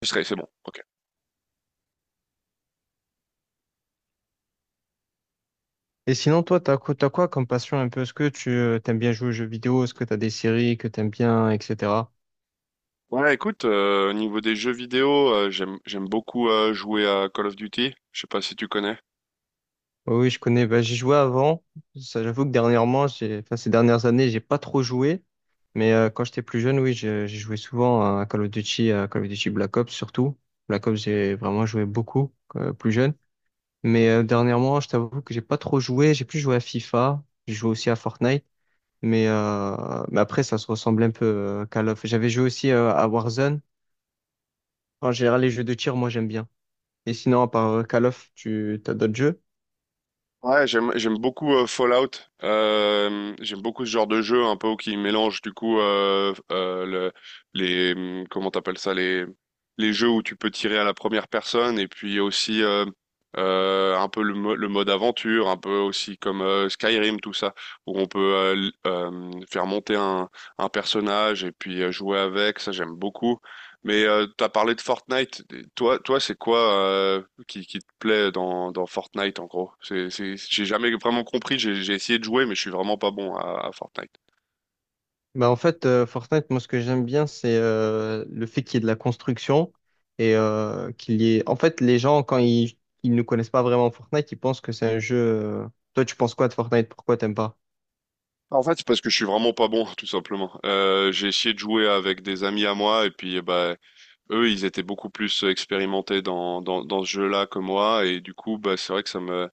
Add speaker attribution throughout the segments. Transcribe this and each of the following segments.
Speaker 1: Je serai, c'est bon. Ok.
Speaker 2: Et sinon, toi, t'as quoi comme passion un peu? Est-ce que tu t'aimes bien jouer aux jeux vidéo? Est-ce que t'as des séries que t'aimes bien, etc.
Speaker 1: Ouais, écoute, au niveau des jeux vidéo, j'aime beaucoup jouer à Call of Duty. Je sais pas si tu connais.
Speaker 2: Oui, oui, je connais. Bah, j'y jouais avant. Ça, j'avoue que dernièrement, ces dernières années, j'ai pas trop joué. Mais quand j'étais plus jeune, oui, j'ai joué souvent à Call of Duty, à Call of Duty Black Ops surtout. Black Ops, j'ai vraiment joué beaucoup plus jeune. Mais dernièrement, je t'avoue que j'ai pas trop joué. J'ai plus joué à FIFA. J'ai joué aussi à Fortnite. Mais, euh, mais après, ça se ressemble un peu Call of. J'avais joué aussi à Warzone. En général, les jeux de tir, moi, j'aime bien. Et sinon, à part Call of, tu as d'autres jeux?
Speaker 1: Ouais, j'aime beaucoup Fallout. J'aime beaucoup ce genre de jeu un peu qui mélange du coup le, les comment t'appelles ça les jeux où tu peux tirer à la première personne et puis aussi un peu le, le mode aventure, un peu aussi comme Skyrim tout ça où on peut faire monter un personnage et puis jouer avec. Ça j'aime beaucoup. Mais t'as parlé de Fortnite. Toi, c'est quoi euh, qui te plaît dans, dans Fortnite en gros? J'ai jamais vraiment compris. J'ai essayé de jouer, mais je suis vraiment pas bon à Fortnite.
Speaker 2: Bah, en fait, Fortnite, moi, ce que j'aime bien, c'est le fait qu'il y ait de la construction et qu'il y ait... En fait, les gens, ils ne connaissent pas vraiment Fortnite, ils pensent que c'est un jeu... Toi, tu penses quoi de Fortnite? Pourquoi t'aimes pas?
Speaker 1: Bah, en fait, c'est parce que je suis vraiment pas bon, tout simplement. J'ai essayé de jouer avec des amis à moi, et puis eh ben, eux, ils étaient beaucoup plus expérimentés dans ce jeu-là que moi, et du coup, bah, c'est vrai que ça me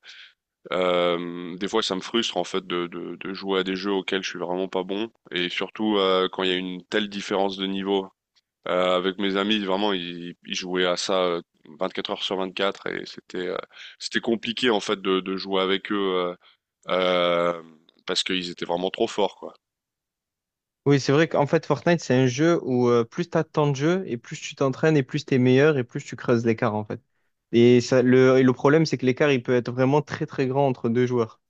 Speaker 1: Des fois, ça me frustre en fait de jouer à des jeux auxquels je suis vraiment pas bon, et surtout quand il y a une telle différence de niveau. Avec mes amis, vraiment, ils jouaient à ça 24 heures sur 24, et c'était compliqué en fait de jouer avec eux euh, parce qu'ils étaient vraiment trop forts, quoi.
Speaker 2: Oui, c'est vrai qu'en fait, Fortnite, c'est un jeu où plus tu as de temps de jeu et plus tu t'entraînes et plus tu es meilleur et plus tu creuses l'écart, en fait. Et le problème, c'est que l'écart, il peut être vraiment très, très grand entre deux joueurs.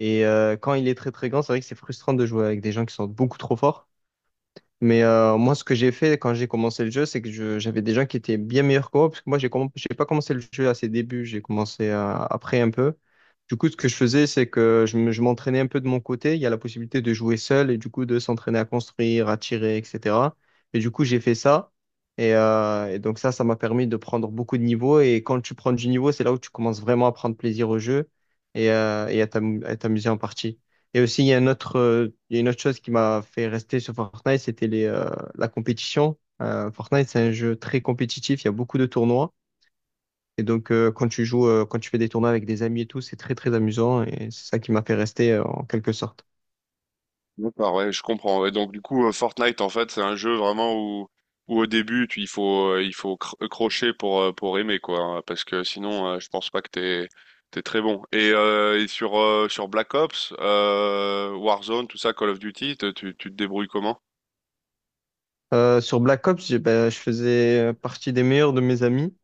Speaker 2: Et quand il est très très grand, c'est vrai que c'est frustrant de jouer avec des gens qui sont beaucoup trop forts. Mais moi, ce que j'ai fait quand j'ai commencé le jeu, c'est que j'avais des gens qui étaient bien meilleurs que moi, parce que moi, j'ai pas commencé le jeu à ses débuts, j'ai commencé après un peu. Du coup, ce que je faisais, c'est que je m'entraînais un peu de mon côté. Il y a la possibilité de jouer seul et du coup de s'entraîner à construire, à tirer, etc. Et du coup, j'ai fait ça. Et donc ça m'a permis de prendre beaucoup de niveaux. Et quand tu prends du niveau, c'est là où tu commences vraiment à prendre plaisir au jeu et à t'amuser en partie. Et aussi, il y a une autre chose qui m'a fait rester sur Fortnite, la compétition. Fortnite, c'est un jeu très compétitif, il y a beaucoup de tournois. Et donc, quand tu fais des tournois avec des amis et tout, c'est très, très amusant. Et c'est ça qui m'a fait rester, en quelque sorte.
Speaker 1: D'accord, ouais, je comprends. Ouais, donc du coup, Fortnite, en fait, c'est un jeu vraiment où, où au début, tu, il faut, il faut crocher pour aimer, quoi. Hein, parce que sinon, je pense pas que t'es, t'es très bon. Et sur, sur Black Ops, Warzone, tout ça, Call of Duty, tu te débrouilles comment?
Speaker 2: Sur Black Ops, ben, je faisais partie des meilleurs de mes amis,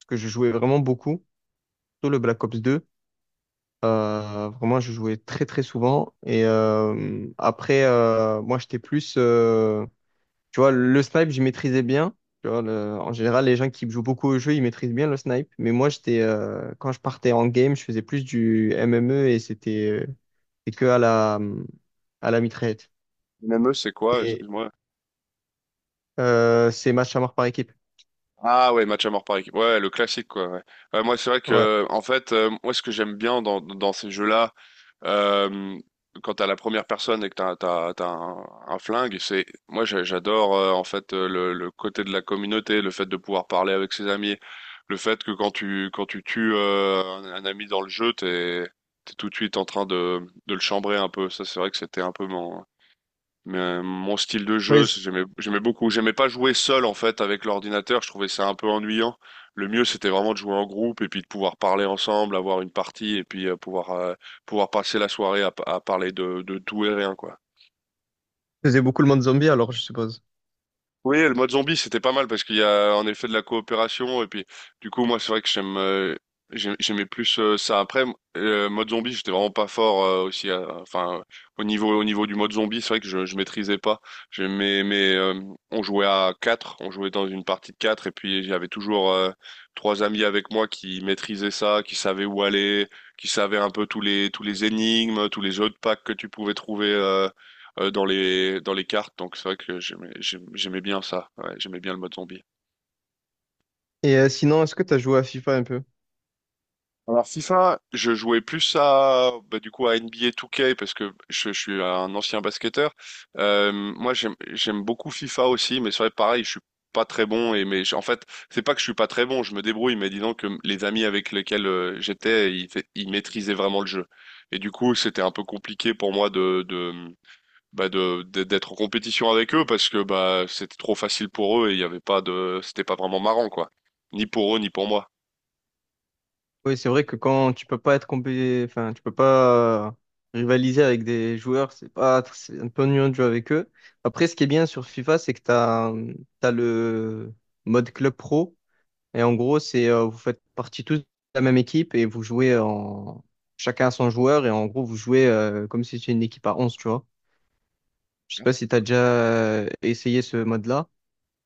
Speaker 2: parce que je jouais vraiment beaucoup, surtout le Black Ops 2. Vraiment, je jouais très, très souvent. Et moi, tu vois, le snipe, j'y maîtrisais bien. Tu vois, en général, les gens qui jouent beaucoup au jeu, ils maîtrisent bien le snipe. Mais moi, quand je partais en game, je faisais plus du MME et c'était que à la mitraillette.
Speaker 1: MME, c'est quoi?
Speaker 2: Et
Speaker 1: Excuse-moi.
Speaker 2: c'est match à mort par équipe.
Speaker 1: Ah ouais, match à mort par équipe. Ouais, le classique quoi. Ouais. Ouais, moi c'est vrai
Speaker 2: Ouais.
Speaker 1: que en fait, moi ce que j'aime bien dans, dans ces jeux-là, euh, quand t'as la première personne et que t'as un flingue, c'est moi j'adore en fait le côté de la communauté, le fait de pouvoir parler avec ses amis, le fait que quand tu tues un ami dans le jeu, t'es t'es tout de suite en train de le chambrer un peu. Ça c'est vrai que c'était un peu mon mais, mon style de
Speaker 2: Ouais,
Speaker 1: jeu, c'est-
Speaker 2: c-
Speaker 1: j'aimais, j'aimais beaucoup. J'aimais pas jouer seul en fait avec l'ordinateur. Je trouvais ça un peu ennuyant. Le mieux, c'était vraiment de jouer en groupe et puis de pouvoir parler ensemble, avoir une partie et puis pouvoir pouvoir passer la soirée à parler de tout et rien, quoi.
Speaker 2: je faisais beaucoup le monde zombie alors, je suppose.
Speaker 1: Oui, le mode zombie, c'était pas mal parce qu'il y a en effet de la coopération et puis du coup moi c'est vrai que j'aime j'aimais plus ça après mode zombie, j'étais vraiment pas fort aussi enfin au niveau du mode zombie, c'est vrai que je maîtrisais pas. J'aimais mais on jouait à quatre, on jouait dans une partie de quatre et puis j'avais toujours trois amis avec moi qui maîtrisaient ça, qui savaient où aller, qui savaient un peu tous les énigmes, tous les jeux de packs que tu pouvais trouver dans les cartes, donc c'est vrai que j'aimais bien ça. Ouais, j'aimais bien le mode zombie.
Speaker 2: Et sinon, est-ce que tu as joué à FIFA un peu?
Speaker 1: Alors FIFA, je jouais plus à bah, du coup à NBA 2K parce que je suis un ancien basketteur. Moi j'aime beaucoup FIFA aussi, mais c'est vrai pareil, je suis pas très bon et mais en fait c'est pas que je suis pas très bon, je me débrouille, mais disons que les amis avec lesquels j'étais, ils, ils maîtrisaient vraiment le jeu. Et du coup c'était un peu compliqué pour moi de bah de d'- d'être en compétition avec eux parce que bah c'était trop facile pour eux et il y avait pas de c'était pas vraiment marrant quoi. Ni pour eux ni pour moi.
Speaker 2: Oui, c'est vrai que quand tu peux pas être compé... enfin, tu peux pas rivaliser avec des joueurs, c'est pas c'est un peu ennuyeux de jouer avec eux. Après, ce qui est bien sur FIFA, c'est que tu as, le mode club pro et en gros, c'est vous faites partie tous de la même équipe et vous jouez en chacun à son joueur et en gros, vous jouez comme si c'était une équipe à 11, tu vois. Je sais pas si tu as déjà essayé ce mode-là.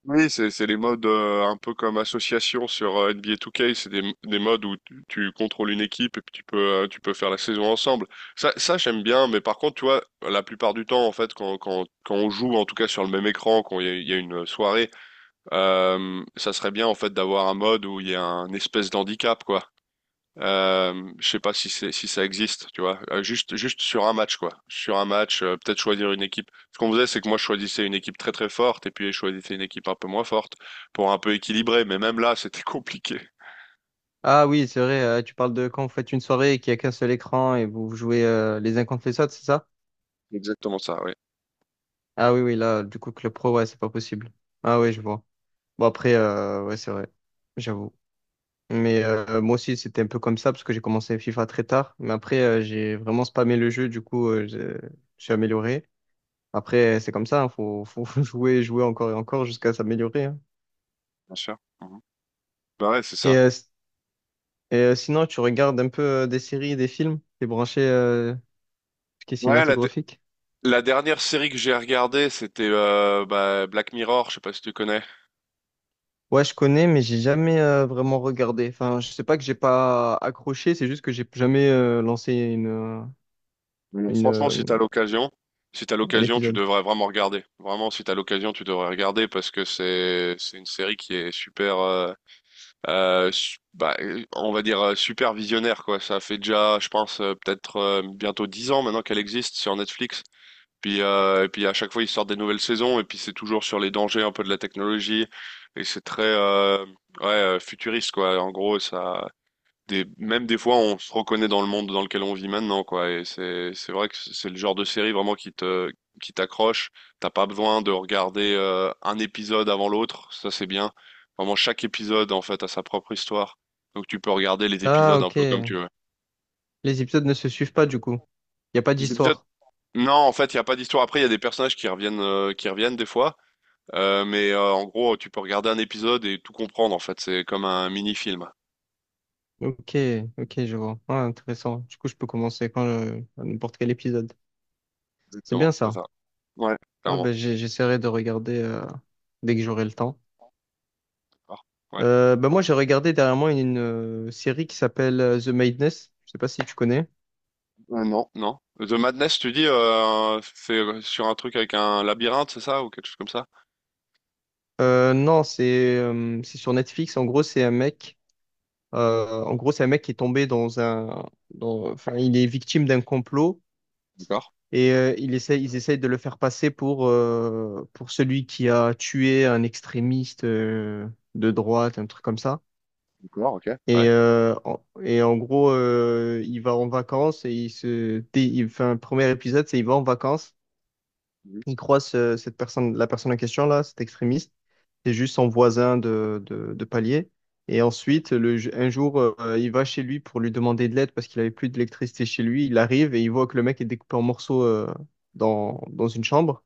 Speaker 1: Oui, c'est les modes un peu comme association sur NBA 2K, c'est des modes où tu contrôles une équipe et puis tu peux faire la saison ensemble. Ça j'aime bien, mais par contre tu vois la plupart du temps en fait quand on joue en tout cas sur le même écran quand il y a une soirée. Ça serait bien en fait d'avoir un mode où il y a un espèce d'handicap quoi. Je sais pas si c'est si ça existe, tu vois. Euh, juste sur un match quoi. Sur un match, peut-être choisir une équipe. Ce qu'on faisait, c'est que moi je choisissais une équipe très très forte et puis je choisissais une équipe un peu moins forte pour un peu équilibrer. Mais même là, c'était compliqué.
Speaker 2: Ah oui, c'est vrai, tu parles de quand vous faites une soirée et qu'il y a qu'un seul écran et vous jouez les uns contre les autres, c'est ça?
Speaker 1: Exactement ça, oui,
Speaker 2: Ah oui, oui, là, du coup, Club Pro, ouais, c'est pas possible. Ah oui, je vois. Bon, après, ouais, c'est vrai, j'avoue. Mais moi aussi, c'était un peu comme ça, parce que j'ai commencé FIFA très tard. Mais après, j'ai vraiment spammé le jeu, du coup, je suis amélioré. Après, c'est comme ça, hein, faut, faut jouer, jouer encore et encore jusqu'à s'améliorer. Hein.
Speaker 1: bien sûr. Mhm. Bah ouais, c'est
Speaker 2: Et,
Speaker 1: ça.
Speaker 2: euh, s- sinon, tu regardes un peu des séries, des films, t'es branché, ce qui est
Speaker 1: Ouais,
Speaker 2: cinématographique?
Speaker 1: la dernière série que j'ai regardée, c'était bah, Black Mirror. Je sais pas si tu connais.
Speaker 2: Ouais, je connais, mais j'ai jamais vraiment regardé. Enfin, je sais pas que j'ai pas accroché, c'est juste que j'ai jamais
Speaker 1: Donc,
Speaker 2: une,
Speaker 1: franchement,
Speaker 2: euh,
Speaker 1: si t'as l'occasion, si t'as
Speaker 2: un
Speaker 1: l'occasion, tu
Speaker 2: épisode.
Speaker 1: devrais vraiment regarder. Vraiment, si t'as l'occasion, tu devrais regarder parce que c'est une série qui est super, bah, on va dire super visionnaire quoi. Ça fait déjà, je pense, peut-être bientôt 10 ans maintenant qu'elle existe sur Netflix. Puis et puis à chaque fois ils sortent des nouvelles saisons et puis c'est toujours sur les dangers un peu de la technologie et c'est très ouais futuriste quoi. En gros, ça des, même des fois, on se reconnaît dans le monde dans lequel on vit maintenant, quoi. Et c'est vrai que c'est le genre de série vraiment qui te, qui t'accroche. T'as pas besoin de regarder un épisode avant l'autre. Ça, c'est bien. Vraiment, chaque épisode, en fait, a sa propre histoire. Donc, tu peux regarder les
Speaker 2: Ah,
Speaker 1: épisodes un
Speaker 2: ok.
Speaker 1: peu comme tu veux.
Speaker 2: Les épisodes ne se suivent pas, du coup. Il n'y a pas
Speaker 1: Les épisodes,
Speaker 2: d'histoire.
Speaker 1: non, en fait, il n'y a pas d'histoire. Après, il y a des personnages qui reviennent des fois. En gros, tu peux regarder un épisode et tout comprendre, en fait. C'est comme un mini-film.
Speaker 2: Ok, ok, je vois. Ah, intéressant. Du coup, je peux commencer quand à n'importe quel épisode. C'est
Speaker 1: Exactement,
Speaker 2: bien
Speaker 1: c'est
Speaker 2: ça.
Speaker 1: ça. Ouais,
Speaker 2: Ah,
Speaker 1: clairement.
Speaker 2: ben, j'essaierai de regarder dès que j'aurai le temps.
Speaker 1: Ouais.
Speaker 2: Ben, moi, j'ai regardé dernièrement série qui s'appelle The Madness. Je sais pas si tu connais.
Speaker 1: Non. The Madness, tu dis, c'est sur un truc avec un labyrinthe, c'est ça, ou quelque chose comme ça?
Speaker 2: Non, c'est sur Netflix. En gros, c'est un mec. C'est un mec qui est tombé enfin, il est victime d'un complot.
Speaker 1: D'accord,
Speaker 2: Et il essaie, ils essayent de le faire passer pour celui qui a tué un extrémiste de droite, un truc comme ça.
Speaker 1: d'accord, ok.
Speaker 2: Et,
Speaker 1: Ouais.
Speaker 2: euh, en, et en gros, il va en vacances et il enfin, le premier épisode, c'est il va en vacances,
Speaker 1: Mhm.
Speaker 2: il croit cette personne, la personne en question là, cet extrémiste, c'est juste son voisin de palier. Et ensuite, un jour, il va chez lui pour lui demander de l'aide parce qu'il avait plus d'électricité chez lui. Il arrive et il voit que le mec est découpé en morceaux dans une chambre.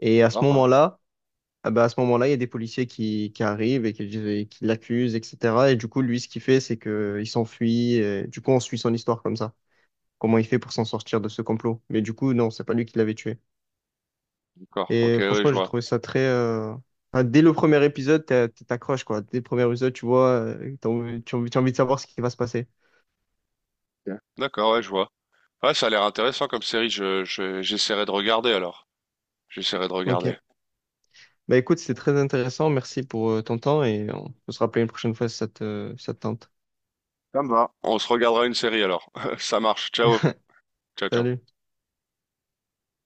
Speaker 2: Et à ce
Speaker 1: D'accord, ouais.
Speaker 2: moment-là, ah ben, à ce moment-là, il y a des policiers qui arrivent et et qui l'accusent, etc. Et du coup, lui, ce qu'il fait, c'est que il s'enfuit. Et du coup, on suit son histoire comme ça. Comment il fait pour s'en sortir de ce complot. Mais du coup, non, c'est pas lui qui l'avait tué.
Speaker 1: D'accord, ok,
Speaker 2: Et
Speaker 1: oui, je
Speaker 2: franchement, j'ai
Speaker 1: vois.
Speaker 2: trouvé ça très. Enfin, dès le premier épisode, t'accroches, quoi. Dès le premier épisode, tu vois, tu as envie de savoir ce qui va se passer.
Speaker 1: Ok. D'accord, ouais, je vois. Ouais, ça a l'air intéressant comme série, j'essaierai de regarder alors. J'essaierai de
Speaker 2: Ok.
Speaker 1: regarder.
Speaker 2: Bah écoute, c'était très intéressant. Merci pour ton temps et on peut se rappeler une prochaine fois si ça te, si ça te tente.
Speaker 1: Ça me va. On se regardera une série alors. Ça marche, ciao. Ciao, ciao.
Speaker 2: Salut.